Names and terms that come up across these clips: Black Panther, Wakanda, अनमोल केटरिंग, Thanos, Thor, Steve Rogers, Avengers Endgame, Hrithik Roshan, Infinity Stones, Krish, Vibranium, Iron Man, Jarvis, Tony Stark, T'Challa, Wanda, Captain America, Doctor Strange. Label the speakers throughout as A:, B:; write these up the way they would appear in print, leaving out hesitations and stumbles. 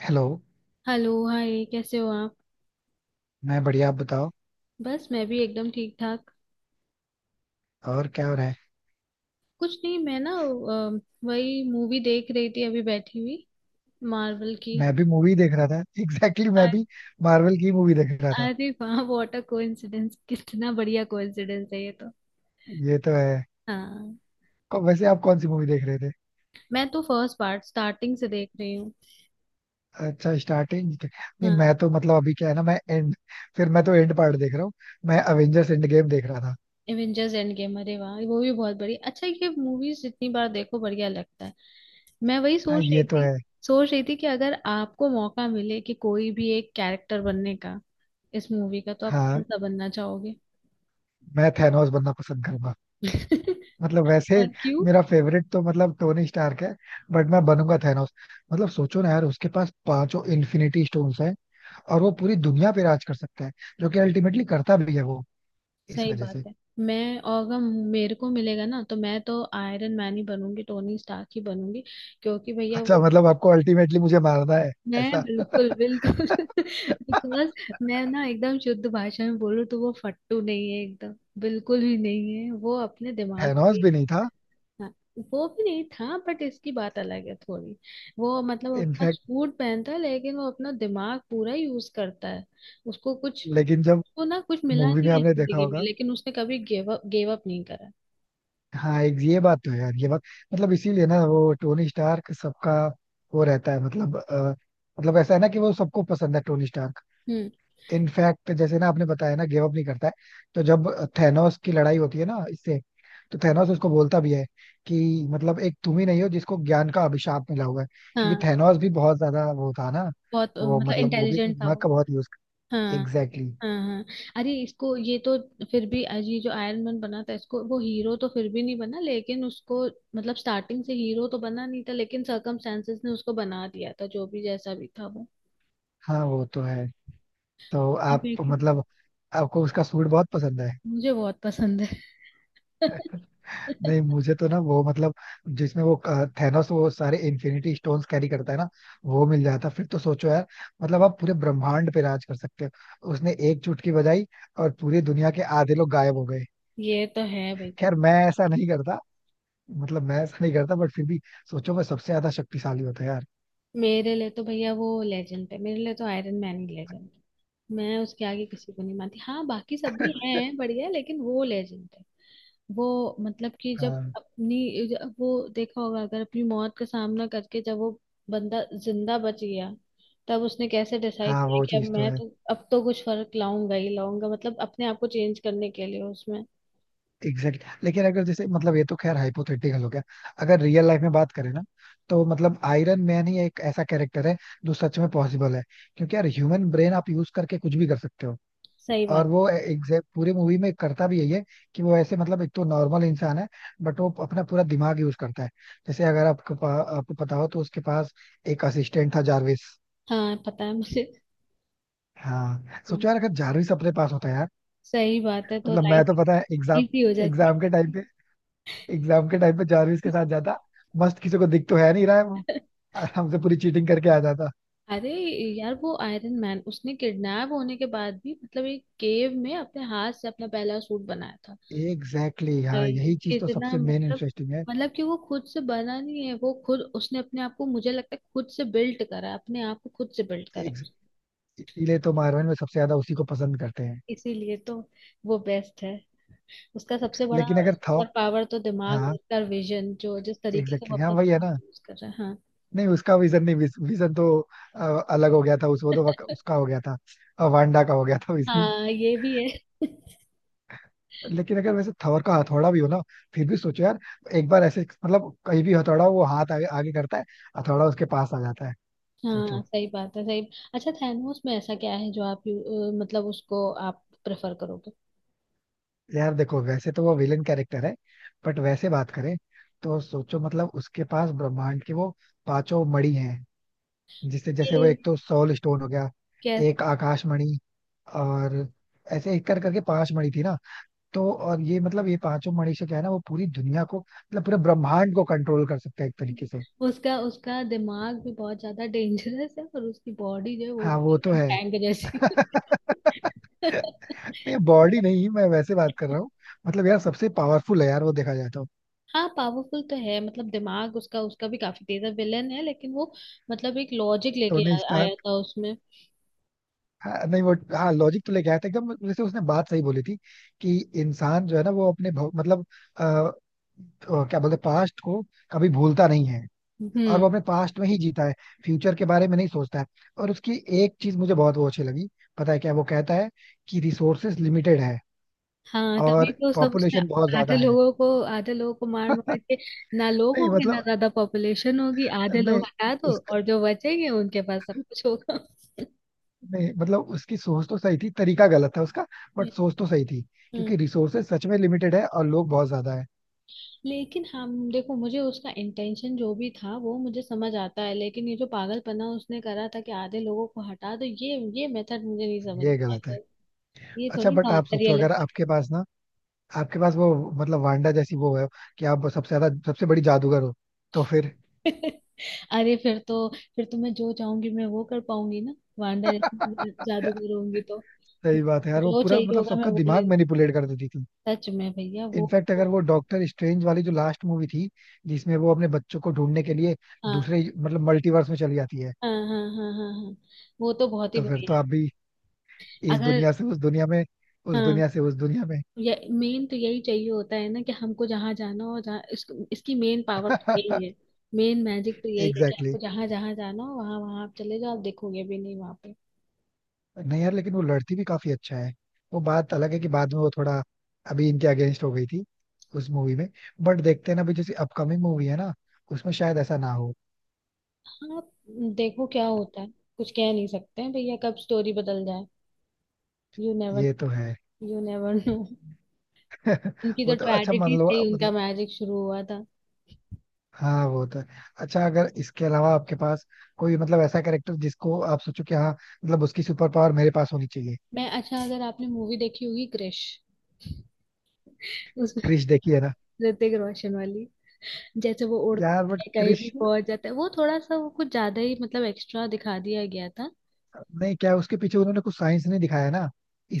A: Hello.
B: Hello, hi, कैसे हो आप।
A: मैं बढ़िया, आप बताओ.
B: बस मैं भी एकदम ठीक ठाक।
A: और क्या हो रहा है?
B: कुछ नहीं, मैं ना वही मूवी देख रही थी, अभी बैठी हुई, मार्वल की।
A: मैं भी मूवी देख रहा था. एग्जैक्टली, मैं
B: अ-
A: भी मार्वल की मूवी देख रहा था.
B: अरे वाह, व्हाट अ कोइंसिडेंस, कितना बढ़िया कोइंसिडेंस है ये तो।
A: ये तो है.
B: हाँ।
A: और वैसे आप कौन सी मूवी देख रहे थे?
B: मैं तो फर्स्ट पार्ट स्टार्टिंग से देख रही हूँ।
A: अच्छा, स्टार्टिंग नहीं,
B: हाँ,
A: मैं तो मतलब अभी क्या है ना, मैं एंड, फिर मैं तो एंड पार्ट देख रहा हूँ. मैं अवेंजर्स एंड गेम देख रहा था.
B: एवेंजर्स एंड गेम, अरे वाह, वो भी बहुत बढ़िया। अच्छा, ये मूवीज जितनी बार देखो बढ़िया लगता है, मैं वही
A: हाँ,
B: सोच
A: ये
B: रही
A: तो
B: थी।
A: है.
B: सोच रही थी कि अगर आपको मौका मिले कि कोई भी एक कैरेक्टर बनने का, इस मूवी का, तो आप
A: हाँ,
B: कौन सा बनना चाहोगे?
A: मैं थैनोस बनना पसंद करूंगा. मतलब वैसे
B: और क्यों?
A: मेरा फेवरेट तो मतलब टोनी स्टार्क है, बट मैं बनूंगा थैनोस. मतलब सोचो ना यार, उसके पास पांचों इन्फिनिटी स्टोन्स है और वो पूरी दुनिया पे राज कर सकता है, जो कि अल्टीमेटली करता भी है वो, इस
B: सही
A: वजह
B: बात
A: से.
B: है। मैं, और अगर मेरे को मिलेगा ना तो मैं तो आयरन मैन ही बनूंगी, टोनी स्टार्क ही बनूंगी, क्योंकि भैया
A: अच्छा,
B: वो।
A: मतलब आपको अल्टीमेटली मुझे मारना है?
B: मैं
A: ऐसा.
B: बिल्कुल बिल्कुल, बिकॉज मैं ना एकदम शुद्ध भाषा में बोलूँ तो वो फट्टू नहीं है एकदम, बिल्कुल भी नहीं है वो, अपने दिमाग पे।
A: थैनोस भी नहीं था.
B: हाँ, वो भी नहीं था, बट इसकी बात अलग है थोड़ी। वो मतलब अपना
A: इनफैक्ट
B: सूट पहनता है, लेकिन वो अपना दिमाग पूरा यूज करता है। उसको कुछ
A: लेकिन जब
B: उसको ना कुछ मिला
A: मूवी में
B: नहीं है
A: आपने देखा
B: जिंदगी में,
A: होगा,
B: लेकिन उसने कभी गिव अप नहीं करा।
A: हाँ, एक ये बात तो है यार, ये बात, मतलब इसीलिए ना वो टोनी स्टार्क सबका वो रहता है, मतलब मतलब ऐसा है ना कि वो सबको पसंद है टोनी स्टार्क.
B: हम्म।
A: इनफैक्ट जैसे ना आपने बताया ना गिव अप नहीं करता है, तो जब थैनोस की लड़ाई होती है ना इससे, तो थैनोस उसको बोलता भी है कि मतलब एक तुम ही नहीं हो जिसको ज्ञान का अभिशाप मिला हुआ है. क्योंकि
B: हाँ,
A: थैनोस भी बहुत ज्यादा वो था ना,
B: बहुत
A: वो
B: मतलब
A: मतलब वो भी अपने
B: इंटेलिजेंट था
A: दिमाग
B: वो।
A: का बहुत यूज.
B: हाँ,
A: एग्जैक्टली exactly.
B: हाँ, हाँ। अरे इसको ये तो, फिर भी आज ये जो आयरन मैन बना था इसको, वो हीरो तो फिर भी नहीं बना, लेकिन उसको मतलब स्टार्टिंग से हीरो तो बना नहीं था, लेकिन सर्कमस्टेंसेस ने उसको बना दिया था, जो भी जैसा भी था वो।
A: हाँ, वो तो है. तो आप
B: बिल्कुल।
A: मतलब, आपको उसका सूट बहुत पसंद है.
B: मुझे बहुत पसंद है।
A: नहीं मुझे तो ना वो मतलब, जिसमें वो थैनोस वो सारे इन्फिनिटी स्टोन्स कैरी करता है ना, वो मिल जाता फिर तो सोचो यार, मतलब आप पूरे ब्रह्मांड पे राज कर सकते हो. उसने एक चुटकी बजाई और पूरी दुनिया के आधे लोग गायब हो गए.
B: ये तो है भैया।
A: खैर, मैं ऐसा नहीं करता, मतलब मैं ऐसा नहीं करता, बट फिर भी सोचो, मैं सबसे ज्यादा शक्तिशाली होता यार.
B: मेरे लिए तो भैया वो लेजेंड है, मेरे लिए तो आयरन मैन ही लेजेंड है, मैं उसके आगे किसी को नहीं मानती। हाँ, बाकी सब भी हैं बढ़िया, लेकिन वो लेजेंड है। वो मतलब कि
A: हाँ,
B: जब वो देखा होगा, अगर अपनी मौत का सामना करके, जब वो बंदा जिंदा बच गया, तब उसने कैसे डिसाइड
A: हाँ,
B: किया
A: वो
B: कि
A: चीज तो है.
B: अब तो कुछ फर्क लाऊंगा ही लाऊंगा, मतलब अपने आप को चेंज करने के लिए उसमें।
A: Exact exactly. लेकिन अगर जैसे मतलब, ये तो खैर हाइपोथेटिकल हो गया. अगर रियल लाइफ में बात करें ना, तो मतलब आयरन मैन ही एक ऐसा कैरेक्टर है जो सच में पॉसिबल है. क्योंकि यार, ह्यूमन ब्रेन आप यूज करके कुछ भी कर सकते हो,
B: सही बात।
A: और वो एग्जैक्ट पूरी मूवी में करता भी यही है कि वो ऐसे मतलब एक तो नॉर्मल इंसान है, बट वो अपना पूरा दिमाग यूज करता है. जैसे अगर आपको आपको पता हो तो उसके पास एक असिस्टेंट था जारविस.
B: हाँ, पता है मुझे।
A: हाँ,
B: हाँ,
A: सोचो यार अगर जारविस अपने पास होता यार.
B: सही बात है, तो
A: मतलब मैं
B: लाइफ
A: तो, पता है, एग्जाम
B: इजी हो जाती
A: एग्जाम के टाइम पे एग्जाम के टाइम पे जारविस के
B: है।
A: साथ जाता मस्त, किसी को दिख तो है नहीं रहा है वो, आराम से पूरी चीटिंग करके आ जाता.
B: अरे यार, वो आयरन मैन, उसने किडनैप होने के बाद भी मतलब एक केव में अपने हाथ से अपना पहला सूट बनाया था।
A: एग्जैक्टली, हाँ,
B: भाई,
A: यही चीज तो
B: कितना
A: सबसे मेन
B: मतलब,
A: इंटरेस्टिंग है.
B: मतलब कि वो खुद से बना नहीं है, वो खुद उसने अपने आप को, मुझे लगता है खुद से बिल्ड करा, अपने आप को खुद से बिल्ड करा।
A: Ex- इसीलिए तो मार्वल में सबसे ज्यादा उसी को पसंद करते हैं.
B: इसीलिए तो वो बेस्ट है। उसका सबसे बड़ा
A: लेकिन अगर थॉर,
B: सुपर पावर तो दिमाग,
A: हाँ,
B: उसका विजन, जो जिस तरीके
A: एग्जैक्टली
B: से वो
A: exactly, हाँ
B: अपना
A: वही है ना.
B: दिमाग यूज कर रहा है। हाँ।
A: नहीं उसका विजन नहीं, विजन तो अ, अलग हो गया था उस, वो तो उसका हो गया था, वांडा का हो गया था विजन.
B: हाँ, ये भी है।
A: लेकिन अगर वैसे थॉर का हथौड़ा भी हो ना, फिर भी सोचो यार, एक बार ऐसे मतलब कहीं भी हथौड़ा वो हाथ आगे, आगे करता है, हथौड़ा उसके पास आ जाता है.
B: हाँ,
A: सोचो.
B: सही बात है, सही। अच्छा, थैनोस में ऐसा क्या है जो आप मतलब उसको आप प्रेफर करोगे?
A: यार देखो, वैसे तो वो विलन कैरेक्टर है, बट वैसे बात करें तो सोचो, मतलब उसके पास ब्रह्मांड की वो पांचों मणि हैं, जिससे जैसे वो एक
B: ये
A: तो सोल स्टोन हो गया,
B: कैसा?
A: एक आकाश मणि, और ऐसे एक कर करके पांच मणि थी ना. तो और ये मतलब ये पांचों मणि से क्या है ना, वो पूरी दुनिया को मतलब पूरे ब्रह्मांड को कंट्रोल कर सकता है एक तरीके से.
B: उसका उसका दिमाग भी बहुत ज्यादा डेंजरस है, और उसकी बॉडी जो है वो
A: हाँ,
B: भी
A: वो तो
B: एकदम
A: है.
B: टैंक जैसी।
A: नहीं बॉडी नहीं, मैं वैसे बात कर रहा हूँ. मतलब यार सबसे पावरफुल है यार वो, देखा जाए तो.
B: हाँ, पावरफुल तो है, मतलब दिमाग उसका, भी काफी तेज है, विलेन है लेकिन वो मतलब एक लॉजिक लेके
A: टोनी,
B: आया था उसमें।
A: हाँ, नहीं वो, हाँ लॉजिक तो लेके आया था एकदम, जैसे उसने बात सही बोली थी कि इंसान जो है ना, वो अपने मतलब अ, अ, क्या बोलते पास्ट को, कभी भूलता नहीं है और वो
B: हम्म।
A: अपने पास्ट में ही जीता है, फ्यूचर के बारे में नहीं सोचता है. और उसकी एक चीज मुझे बहुत वो अच्छी लगी, पता है क्या वो कहता है, कि रिसोर्सेस लिमिटेड है
B: हाँ, तभी
A: और
B: तो सब उसने,
A: पॉपुलेशन बहुत ज्यादा
B: आधे
A: है.
B: लोगों को, आधे लोगों को मार मार के, ना लोग
A: नहीं
B: होंगे ना
A: मतलब,
B: ज्यादा पॉपुलेशन होगी, आधे लोग
A: नहीं
B: हटा दो
A: उसका,
B: और जो बचेंगे उनके पास सब कुछ होगा।
A: नहीं मतलब उसकी सोच तो सही थी, तरीका गलत था उसका,
B: हम्म,
A: बट सोच तो सही थी.
B: हम्म।
A: क्योंकि रिसोर्सेज सच में लिमिटेड है और लोग बहुत ज्यादा है.
B: लेकिन हम देखो, मुझे उसका इंटेंशन जो भी था वो मुझे समझ आता है, लेकिन ये जो पागलपना उसने करा था कि आधे लोगों को हटा दो, ये मेथड मुझे नहीं समझ
A: ये गलत है.
B: आता, ये
A: अच्छा
B: थोड़ी ना
A: बट आप
B: होता
A: सोचो, अगर आपके
B: रियलिस्टिक।
A: पास ना, आपके पास वो मतलब वांडा जैसी वो है, कि आप सबसे ज्यादा सबसे बड़ी जादूगर हो, तो फिर.
B: अरे फिर तो मैं जो चाहूंगी मैं वो कर पाऊंगी ना, वांडा जैसी जादूगर होंगी तो
A: सही बात है यार, वो
B: जो
A: पूरा
B: चाहिए
A: मतलब
B: होगा मैं
A: सबका
B: वो ले
A: दिमाग
B: लूंगी।
A: मैनिपुलेट कर देती थी.
B: सच में भैया वो,
A: इनफैक्ट अगर
B: वो-
A: वो डॉक्टर स्ट्रेंज वाली जो लास्ट मूवी थी, जिसमें वो अपने बच्चों को ढूंढने के लिए
B: हाँ,
A: दूसरे मतलब मल्टीवर्स में चली जाती है.
B: हाँ, हाँ, हाँ, हाँ, हाँ, वो तो बहुत ही
A: तो फिर
B: बढ़िया
A: तो
B: है।
A: आप भी इस
B: अगर,
A: दुनिया से उस दुनिया में, उस
B: हाँ,
A: दुनिया से उस दुनिया में.
B: ये मेन तो यही चाहिए होता है ना कि हमको जहाँ जाना हो, जहाँ इसको, इसकी मेन पावर तो यही है, मेन मैजिक तो यही है कि
A: एग्जैक्टली.
B: आपको जहाँ जहाँ जाना हो, वहाँ वहाँ आप चले जाओ, आप देखोगे भी नहीं वहाँ पे।
A: नहीं यार लेकिन वो लड़ती भी काफी अच्छा है. वो बात अलग है कि बाद में वो थोड़ा अभी इनके अगेंस्ट हो गई थी उस मूवी में, बट देखते हैं ना, अभी जैसे अपकमिंग मूवी है ना, उसमें शायद ऐसा ना हो.
B: हाँ, देखो क्या होता है, कुछ कह नहीं सकते हैं भैया, कब स्टोरी बदल जाए। यू नेवर
A: ये तो है.
B: You never no. उनकी
A: वो
B: तो
A: तो, अच्छा मान
B: ट्रेजेडी
A: लो
B: से ही उनका
A: मतलब,
B: मैजिक शुरू हुआ था।
A: हाँ वो तो है. अच्छा अगर इसके अलावा आपके पास कोई मतलब ऐसा कैरेक्टर जिसको आप सोचो कि हाँ, मतलब उसकी सुपर पावर मेरे पास होनी चाहिए.
B: मैं, अच्छा, अगर आपने मूवी देखी होगी क्रिश, उसमें,
A: क्रिश देखी है ना.
B: ऋतिक रोशन वाली, जैसे वो उड़ता
A: यार बट
B: है कहीं भी
A: क्रिश,
B: पहुंच जाता है, वो थोड़ा सा वो कुछ ज्यादा ही मतलब एक्स्ट्रा दिखा दिया गया था।
A: नहीं क्या है, उसके पीछे उन्होंने कुछ साइंस नहीं दिखाया ना,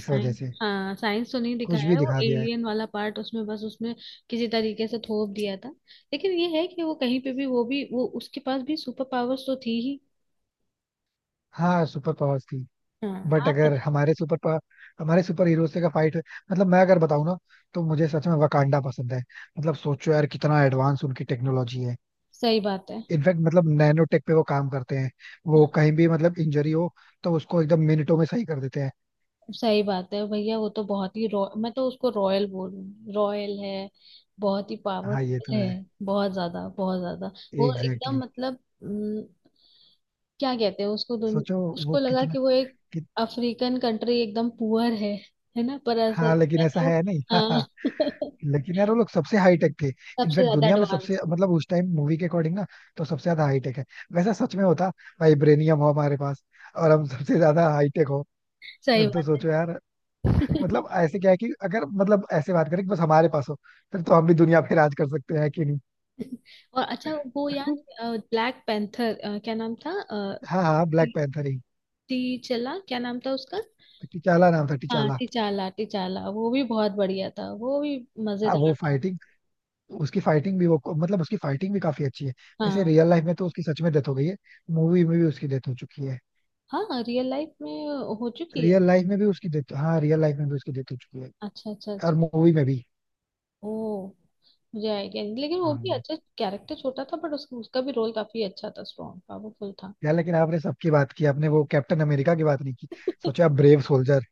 A: इस वजह से
B: हाँ, साइंस तो नहीं
A: कुछ
B: दिखाया
A: भी
B: है, वो
A: दिखा दिया है.
B: एलियन वाला पार्ट उसमें, बस उसमें किसी तरीके से थोप दिया था। लेकिन ये है कि वो कहीं पे भी, वो उसके पास भी सुपर पावर्स तो थी ही।
A: हाँ, सुपर पावर्स थी.
B: हाँ,
A: बट
B: आप
A: अगर
B: बताओ।
A: हमारे हमारे सुपर हीरोज का फाइट मतलब, मैं अगर बताऊं ना, तो मुझे सच में वकांडा पसंद है. मतलब सोचो यार कितना एडवांस उनकी टेक्नोलॉजी है.
B: सही बात है,
A: इनफैक्ट मतलब नैनो टेक पे वो काम करते हैं, वो कहीं भी मतलब इंजरी हो तो उसको एकदम मिनटों में सही कर देते हैं.
B: सही बात है भैया, वो तो बहुत ही रॉ, मैं तो उसको रॉयल बोलूँ, रॉयल है, बहुत ही
A: हाँ, ये
B: पावरफुल
A: तो
B: है,
A: है.
B: बहुत ज्यादा बहुत ज्यादा, वो
A: एग्जैक्टली
B: एकदम
A: exactly.
B: मतलब। हम्म, क्या कहते हैं उसको,
A: सोचो वो
B: उसको लगा
A: कितना,
B: कि वो एक
A: कित...
B: अफ्रीकन कंट्री एकदम पुअर है ना? पर असल
A: हाँ
B: में
A: लेकिन
B: क्या
A: ऐसा
B: था वो।
A: है नहीं.
B: हाँ।
A: लेकिन यार वो लोग सबसे हाई टेक थे.
B: सबसे
A: इनफैक्ट
B: ज्यादा
A: दुनिया में सबसे
B: एडवांस,
A: मतलब उस टाइम मूवी के अकॉर्डिंग ना, तो सबसे ज्यादा हाई टेक है. वैसा सच में होता, वाइब्रेनियम हो हमारे पास और हम सबसे ज्यादा हाई टेक हो,
B: सही
A: फिर तो
B: बात
A: सोचो यार,
B: है।
A: मतलब ऐसे क्या है कि अगर मतलब ऐसे बात करें कि बस हमारे पास हो, फिर तो हम भी दुनिया पे राज कर सकते हैं कि नहीं.
B: और अच्छा, वो याद, ब्लैक पैंथर, क्या नाम था,
A: हाँ, हाँ, ब्लैक पैंथर ही.
B: टी चला क्या नाम था उसका?
A: टिचाला नाम था,
B: हाँ,
A: टिचाला.
B: टिचाला, टिचाला वो भी बहुत बढ़िया था, वो भी
A: हाँ,
B: मजेदार
A: वो
B: था।
A: फाइटिंग, उसकी फाइटिंग भी वो मतलब उसकी फाइटिंग भी काफी अच्छी है. वैसे
B: हाँ।
A: रियल लाइफ में तो उसकी सच में डेथ हो गई है, मूवी में भी उसकी डेथ हो चुकी है.
B: हाँ, रियल लाइफ में हो चुकी है।
A: रियल लाइफ में भी उसकी डेथ, हाँ रियल लाइफ में भी उसकी डेथ हो चुकी है,
B: अच्छा, अच्छा, अच्छा।
A: और मूवी में भी.
B: ओ, मुझे आइडिया नहीं, लेकिन वो भी
A: हाँ,
B: अच्छा कैरेक्टर, छोटा था बट उसका उसका भी रोल काफी अच्छा था, स्ट्रॉन्ग पावरफुल था।
A: यार लेकिन आपने सबकी बात की, आपने वो कैप्टन अमेरिका की बात नहीं की. सोचा आप, ब्रेव सोल्जर.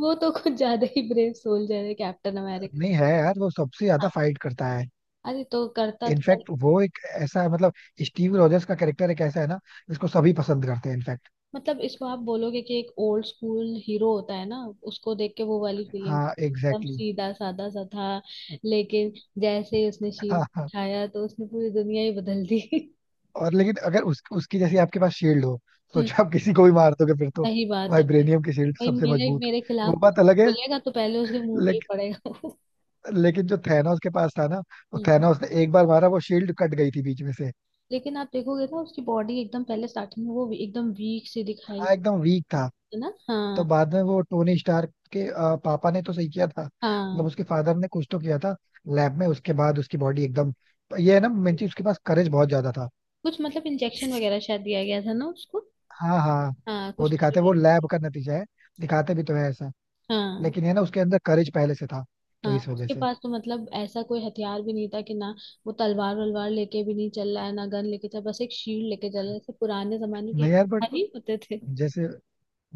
B: वो तो कुछ ज्यादा ही ब्रेव सोल्जर है, कैप्टन अमेरिका।
A: नहीं है यार, वो सबसे ज्यादा
B: हाँ,
A: फाइट करता है.
B: अरे तो करता था।
A: इनफैक्ट वो एक ऐसा मतलब स्टीव रॉजर्स का कैरेक्टर एक ऐसा है ना, जिसको सभी पसंद करते हैं इनफैक्ट.
B: मतलब इसको आप बोलोगे कि एक ओल्ड स्कूल हीरो होता है ना, उसको देख के वो वाली फीलिंग,
A: हाँ,
B: एकदम
A: एग्जैक्टली exactly.
B: सीधा साधा सा था, लेकिन जैसे ही उसने शील्ड
A: हाँ, हाँ.
B: उठाया तो उसने पूरी दुनिया ही बदल दी।
A: और लेकिन अगर उस, उसकी जैसी आपके पास शील्ड हो,
B: हम्म,
A: सोचो आप किसी को भी मार दोगे फिर तो.
B: सही बात है भाई।
A: वाइब्रेनियम की शील्ड
B: भाई,
A: सबसे
B: मेरे
A: मजबूत.
B: मेरे
A: वो
B: खिलाफ
A: बात
B: कुछ
A: अलग
B: बोलेगा तो पहले उसके मुंह
A: है.
B: पे ही पड़ेगा वो।
A: लेकिन जो थैनोस के पास था ना, वो
B: हम्म,
A: थैनोस ने एक बार मारा, वो शील्ड कट गई थी बीच में से.
B: लेकिन आप देखोगे ना, उसकी बॉडी एकदम पहले स्टार्टिंग में वो एकदम वीक सी दिखाई
A: हाँ,
B: दी,
A: एकदम वीक था.
B: है ना।
A: तो
B: हाँ,
A: बाद में वो टोनी स्टार्क के पापा ने तो सही किया था, मतलब
B: हाँ।
A: उसके फादर ने कुछ तो किया था लैब में, उसके बाद उसकी बॉडी एकदम, ये है ना मेन चीज, उसके पास करेज बहुत ज्यादा था.
B: कुछ मतलब इंजेक्शन वगैरह शायद दिया गया था ना उसको।
A: हाँ, हाँ.
B: हाँ,
A: वो
B: कुछ तो
A: दिखाते,
B: दिया।
A: वो लैब का नतीजा है, दिखाते भी तो है ऐसा.
B: हाँ।
A: लेकिन है ना, उसके अंदर करेज पहले से था, तो
B: हाँ,
A: इस वजह
B: उसके
A: से.
B: पास तो मतलब ऐसा कोई हथियार भी नहीं था कि ना, वो तलवार वलवार लेके भी नहीं चल रहा है ना, गन लेके चल, बस एक शील्ड लेके चल रहा है, जैसे पुराने जमाने के
A: नहीं यार
B: युद्ध
A: बट
B: नहीं होते थे।
A: जैसे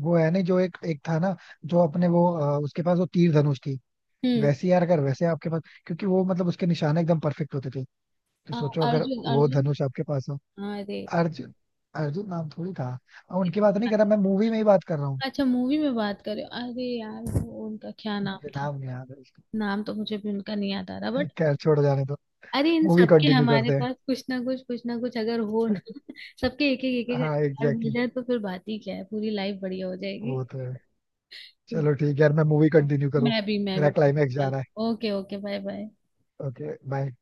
A: वो है नहीं, जो एक एक था ना, जो अपने वो, उसके पास वो तीर धनुष थी.
B: हम्म
A: वैसे यार अगर वैसे आपके पास, क्योंकि वो मतलब उसके निशाने एकदम परफेक्ट होते थे, तो
B: अ,
A: सोचो अगर
B: अर्जुन,
A: वो
B: अर्जुन,
A: धनुष आपके पास हो.
B: हाँ, अरे।
A: अर्जुन, अर्जुन नाम थोड़ी था. और उनकी बात नहीं कर रहा, मैं मूवी में ही बात कर रहा हूँ.
B: अच्छा, मूवी में बात करें, अरे यार, वो उनका क्या नाम
A: मुझे
B: था?
A: नाम नहीं याद है उसका.
B: नाम तो मुझे भी उनका नहीं याद आ रहा, बट।
A: खैर छोड़, जाने दो,
B: अरे, इन
A: मूवी
B: सबके
A: कंटिन्यू
B: हमारे
A: करते हैं.
B: पास कुछ ना कुछ, कुछ ना कुछ अगर हो ना, सबके एक एक एक एक
A: हाँ,
B: हथियार मिल
A: एग्जैक्टली,
B: जाए, तो फिर बात ही क्या है, पूरी लाइफ बढ़िया हो जाएगी।
A: वो तो है. चलो ठीक है यार, मैं मूवी कंटिन्यू करूँ,
B: मैं भी, मैं
A: मेरा
B: भी।
A: क्लाइमैक्स जा रहा
B: ओके, ओके, बाय, बाय।
A: है. Okay bye.